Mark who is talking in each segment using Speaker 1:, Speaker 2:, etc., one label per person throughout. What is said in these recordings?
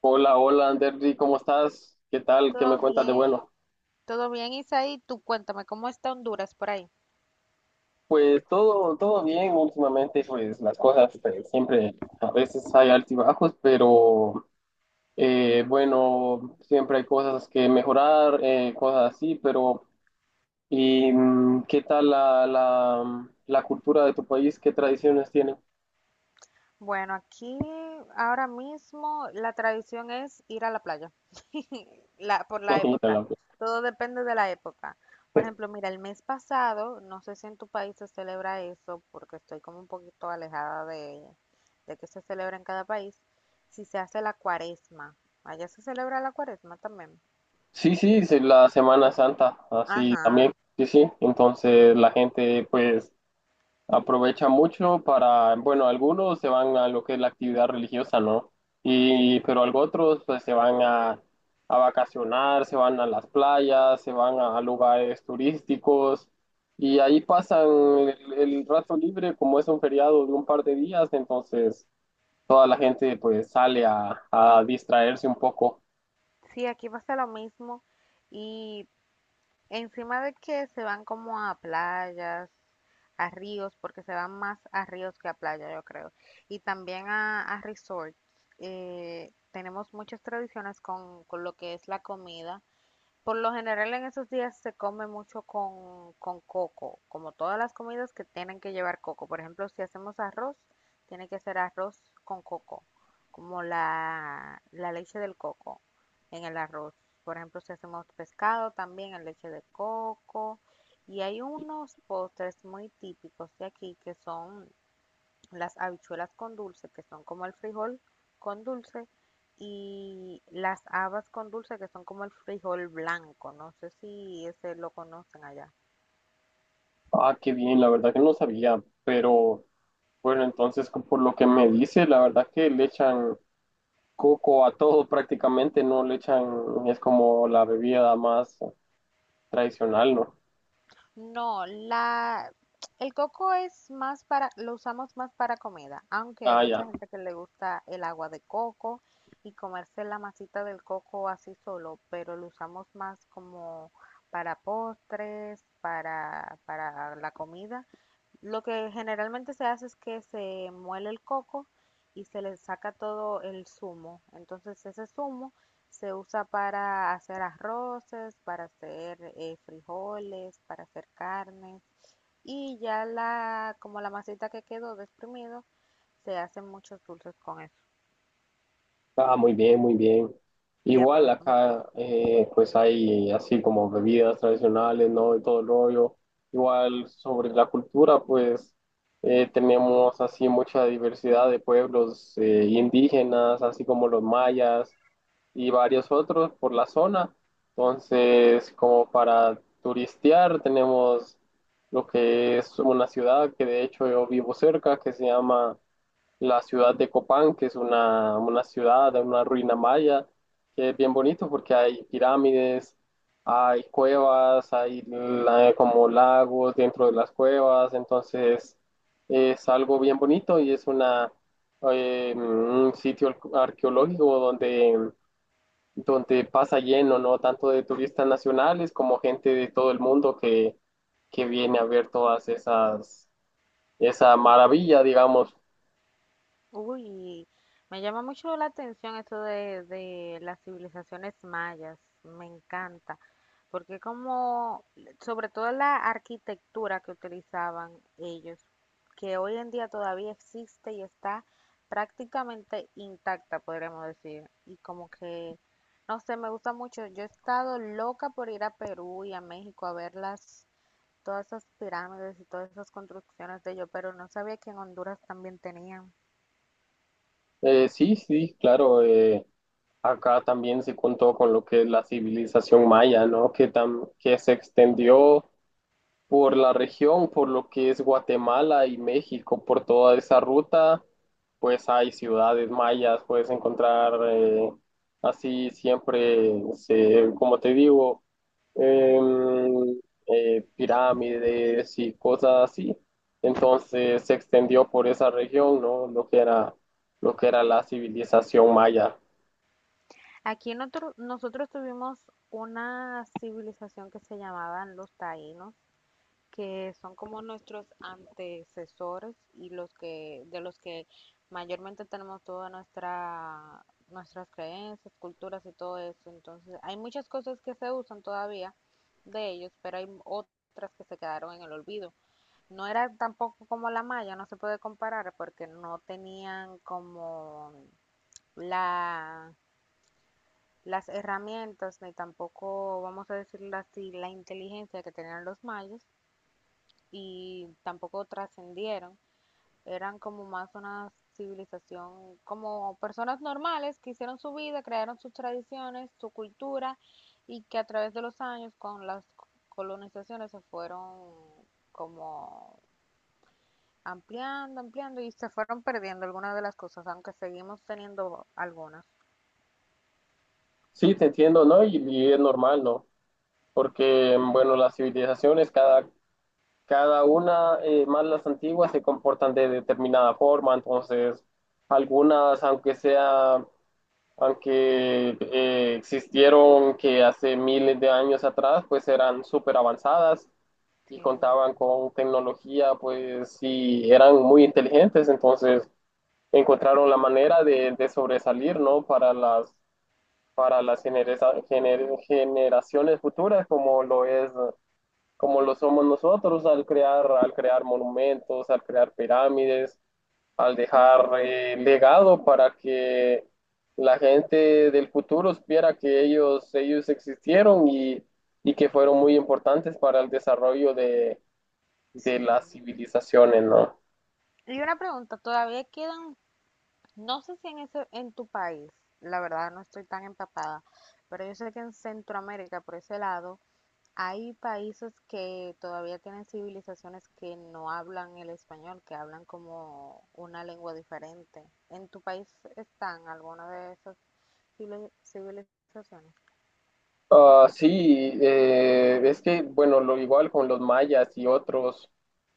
Speaker 1: Hola, hola, Anderly, ¿cómo estás? ¿Qué tal? ¿Qué me
Speaker 2: Todo
Speaker 1: cuentas de
Speaker 2: bien,
Speaker 1: bueno?
Speaker 2: todo bien, Isaí. Tú cuéntame, ¿cómo está Honduras por ahí?
Speaker 1: Pues todo bien últimamente, pues las cosas pues, siempre, a veces hay altibajos, pero bueno, siempre hay cosas que mejorar, cosas así, pero ¿y qué tal la cultura de tu país? ¿Qué tradiciones tienen?
Speaker 2: Bueno, aquí ahora mismo la tradición es ir a la playa, la, por la época. Todo depende de la época. Por ejemplo, mira, el mes pasado, no sé si en tu país se celebra eso, porque estoy como un poquito alejada de que se celebra en cada país, si se hace la cuaresma. Allá se celebra la cuaresma también.
Speaker 1: Sí, sí, sí, la Semana Santa, así también,
Speaker 2: Ajá.
Speaker 1: sí, sí, entonces la gente pues aprovechan mucho para, bueno, algunos se van a lo que es la actividad religiosa, ¿no?
Speaker 2: Sí,
Speaker 1: Y, pero algunos otros pues a vacacionar, se van a las playas, se van a lugares turísticos, y ahí pasan el rato libre, como es un feriado de un par de días. Entonces toda la gente pues sale a distraerse un poco.
Speaker 2: Sí, aquí pasa lo mismo. Y encima de que se van como a playas, a ríos, porque se van más a ríos que a playa, yo creo. Y también a resorts. Tenemos muchas tradiciones con lo que es la comida. Por lo general en esos días se come mucho con coco, como todas las comidas que tienen que llevar coco. Por ejemplo, si hacemos arroz, tiene que ser arroz con coco, como la leche del coco en el arroz. Por ejemplo, si hacemos pescado, también en leche de coco. Y hay unos postres muy típicos de aquí que son las habichuelas con dulce, que son como el frijol con dulce, y las habas con dulce, que son como el frijol blanco. No sé si ese lo conocen allá.
Speaker 1: Ah, qué bien, la verdad que no sabía, pero bueno, entonces por lo que me dice, la verdad que le echan coco a todo prácticamente, no le echan, es como la bebida más tradicional, ¿no?
Speaker 2: No, el coco es más para, lo usamos más para comida, aunque hay
Speaker 1: Ah, ya.
Speaker 2: mucha gente que le gusta el agua de coco y comerse la masita del coco así solo, pero lo usamos más como para postres, para la comida. Lo que generalmente se hace es que se muele el coco y se le saca todo el zumo. Entonces ese zumo se usa para hacer arroces, para hacer frijoles, para hacer carnes. Y ya la, como la masita que quedó de exprimido, se hacen muchos dulces con eso.
Speaker 1: Ah, muy bien, muy bien.
Speaker 2: Sí,
Speaker 1: Igual
Speaker 2: aprovechamos todo.
Speaker 1: acá, pues hay así como bebidas tradicionales, ¿no? Y todo el rollo. Igual sobre la cultura, pues tenemos así mucha diversidad de pueblos indígenas, así como los mayas, y varios otros por la zona. Entonces, como para turistear, tenemos lo que es una ciudad, que de hecho yo vivo cerca, que se llama la ciudad de Copán, que es una ciudad, una ruina maya, que es bien bonito porque hay pirámides, hay cuevas, hay como lagos dentro de las cuevas. Entonces es algo bien bonito y es una, un sitio arqueológico donde pasa lleno, ¿no? Tanto de turistas nacionales como gente de todo el mundo que viene a ver todas esas, esa maravilla, digamos.
Speaker 2: Uy, me llama mucho la atención esto de las civilizaciones mayas, me encanta, porque como, sobre todo la arquitectura que utilizaban ellos, que hoy en día todavía existe y está prácticamente intacta, podríamos decir, y como que, no sé, me gusta mucho, yo he estado loca por ir a Perú y a México a ver las, todas esas pirámides y todas esas construcciones de ellos, pero no sabía que en Honduras también tenían.
Speaker 1: Sí, sí, claro, acá también se contó con lo que es la civilización maya, ¿no? Que se extendió por la región, por lo que es Guatemala y México, por toda esa ruta. Pues hay ciudades mayas, puedes encontrar así siempre, como te digo, em, pirámides y cosas así. Entonces se extendió por esa región, ¿no? Lo que era la civilización maya.
Speaker 2: Aquí nosotros tuvimos una civilización que se llamaban los taínos, que son como nuestros antecesores y los que, de los que mayormente tenemos toda nuestra, nuestras creencias, culturas y todo eso. Entonces, hay muchas cosas que se usan todavía de ellos, pero hay otras que se quedaron en el olvido. No era tampoco como la maya, no se puede comparar porque no tenían como la las herramientas, ni tampoco, vamos a decirlo así, la inteligencia que tenían los mayas y tampoco trascendieron. Eran como más una civilización, como personas normales que hicieron su vida, crearon sus tradiciones, su cultura y que a través de los años con las colonizaciones se fueron como ampliando, ampliando y se fueron perdiendo algunas de las cosas, aunque seguimos teniendo algunas.
Speaker 1: Sí, te entiendo, ¿no? Y es normal, ¿no? Porque, bueno, las civilizaciones, cada una, más las antiguas, se comportan de determinada forma. Entonces algunas, aunque sea, aunque existieron que hace miles de años atrás, pues eran súper avanzadas y
Speaker 2: Sí.
Speaker 1: contaban con tecnología, pues sí, eran muy inteligentes. Entonces encontraron la manera de sobresalir, ¿no? Para las generaciones futuras, como lo somos nosotros, al crear monumentos, al crear pirámides, al dejar
Speaker 2: Y
Speaker 1: legado para que la gente del futuro supiera que ellos existieron, y que fueron muy importantes para el desarrollo de las
Speaker 2: sí,
Speaker 1: civilizaciones, ¿no?
Speaker 2: y una pregunta, todavía quedan, no sé si en ese, en tu país, la verdad no estoy tan empapada, pero yo sé que en Centroamérica, por ese lado, hay países que todavía tienen civilizaciones que no hablan el español, que hablan como una lengua diferente. ¿En tu país están alguna de esas civilizaciones?
Speaker 1: Ah, sí, es que, bueno, lo igual con los mayas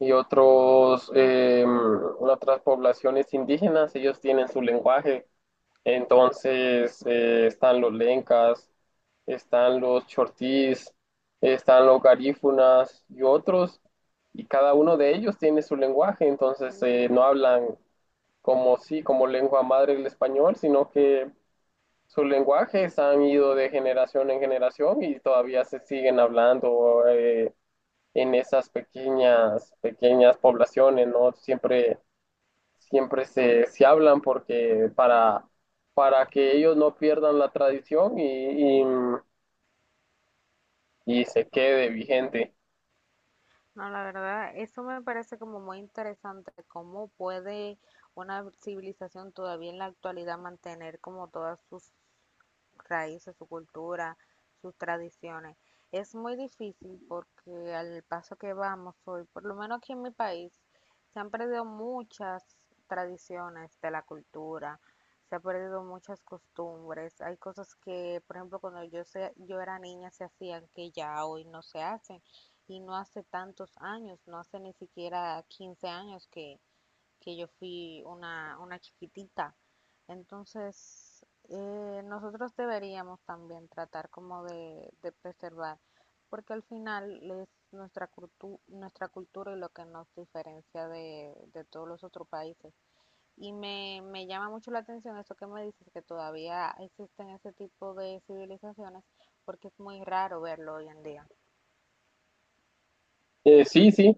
Speaker 1: y otros, otras poblaciones indígenas, ellos tienen su lenguaje. Entonces están los lencas, están los chortís, están los garífunas y otros, y cada uno de ellos tiene su lenguaje. Entonces no hablan como sí, como lengua madre el español, sino que sus lenguajes han ido de generación en generación y todavía se siguen hablando en esas pequeñas poblaciones, ¿no? Siempre se hablan porque para que ellos no pierdan la tradición y se quede vigente.
Speaker 2: No, la verdad, eso me parece como muy interesante, cómo puede una civilización todavía en la actualidad mantener como todas sus raíces, su cultura, sus tradiciones. Es muy difícil porque al paso que vamos hoy, por lo menos aquí en mi país, se han perdido muchas tradiciones de la cultura, se han perdido muchas costumbres. Hay cosas que, por ejemplo, cuando yo era niña se hacían que ya hoy no se hacen y no hace tantos años, no hace ni siquiera 15 años que yo fui una chiquitita. Entonces, nosotros deberíamos también tratar como de preservar, porque al final es nuestra cultura y lo que nos diferencia de todos los otros países. Me llama mucho la atención esto que me dices, que todavía existen ese tipo de civilizaciones, porque es muy raro verlo hoy en día.
Speaker 1: Sí, sí,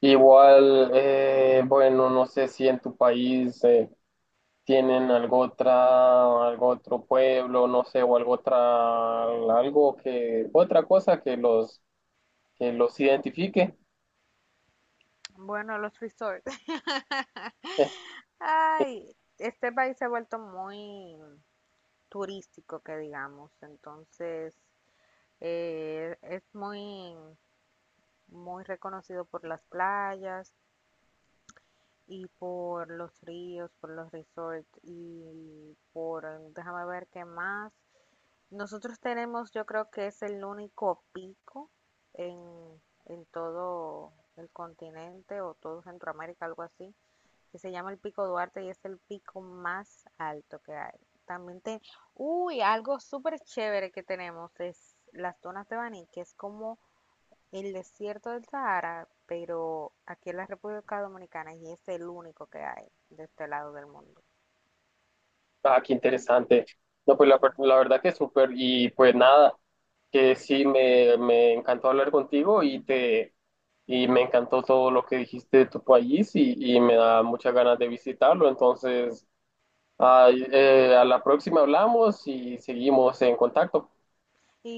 Speaker 1: igual, bueno, no sé si en tu país tienen algo otra, algo otro pueblo, no sé, o algo otra, algo que, otra cosa que los identifique.
Speaker 2: Bueno, los resorts. Ay, este país se ha vuelto muy turístico, que digamos. Entonces, eh, es muy, muy reconocido por las playas y por los ríos, por los resorts y por, déjame ver qué más. Nosotros tenemos, yo creo que es el único pico en, en todo el continente o todo Centroamérica, algo así que se llama el Pico Duarte y es el pico más alto que hay. También te... Uy, algo súper chévere que tenemos es las dunas de Baní, que es como el desierto del Sahara, pero aquí en la República Dominicana y es el único que hay de este lado del mundo.
Speaker 1: Ah, qué interesante. No, pues
Speaker 2: Sí.
Speaker 1: la verdad que súper. Y pues nada, que sí, me encantó hablar contigo, y me encantó todo lo que dijiste de tu país, y me da muchas ganas de visitarlo. Entonces, ay, a la próxima hablamos y seguimos en contacto.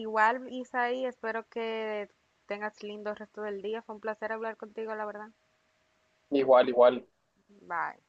Speaker 2: Igual, Isaí, espero que tengas lindo resto del día. Fue un placer hablar contigo, la verdad.
Speaker 1: Igual, igual.
Speaker 2: Bye.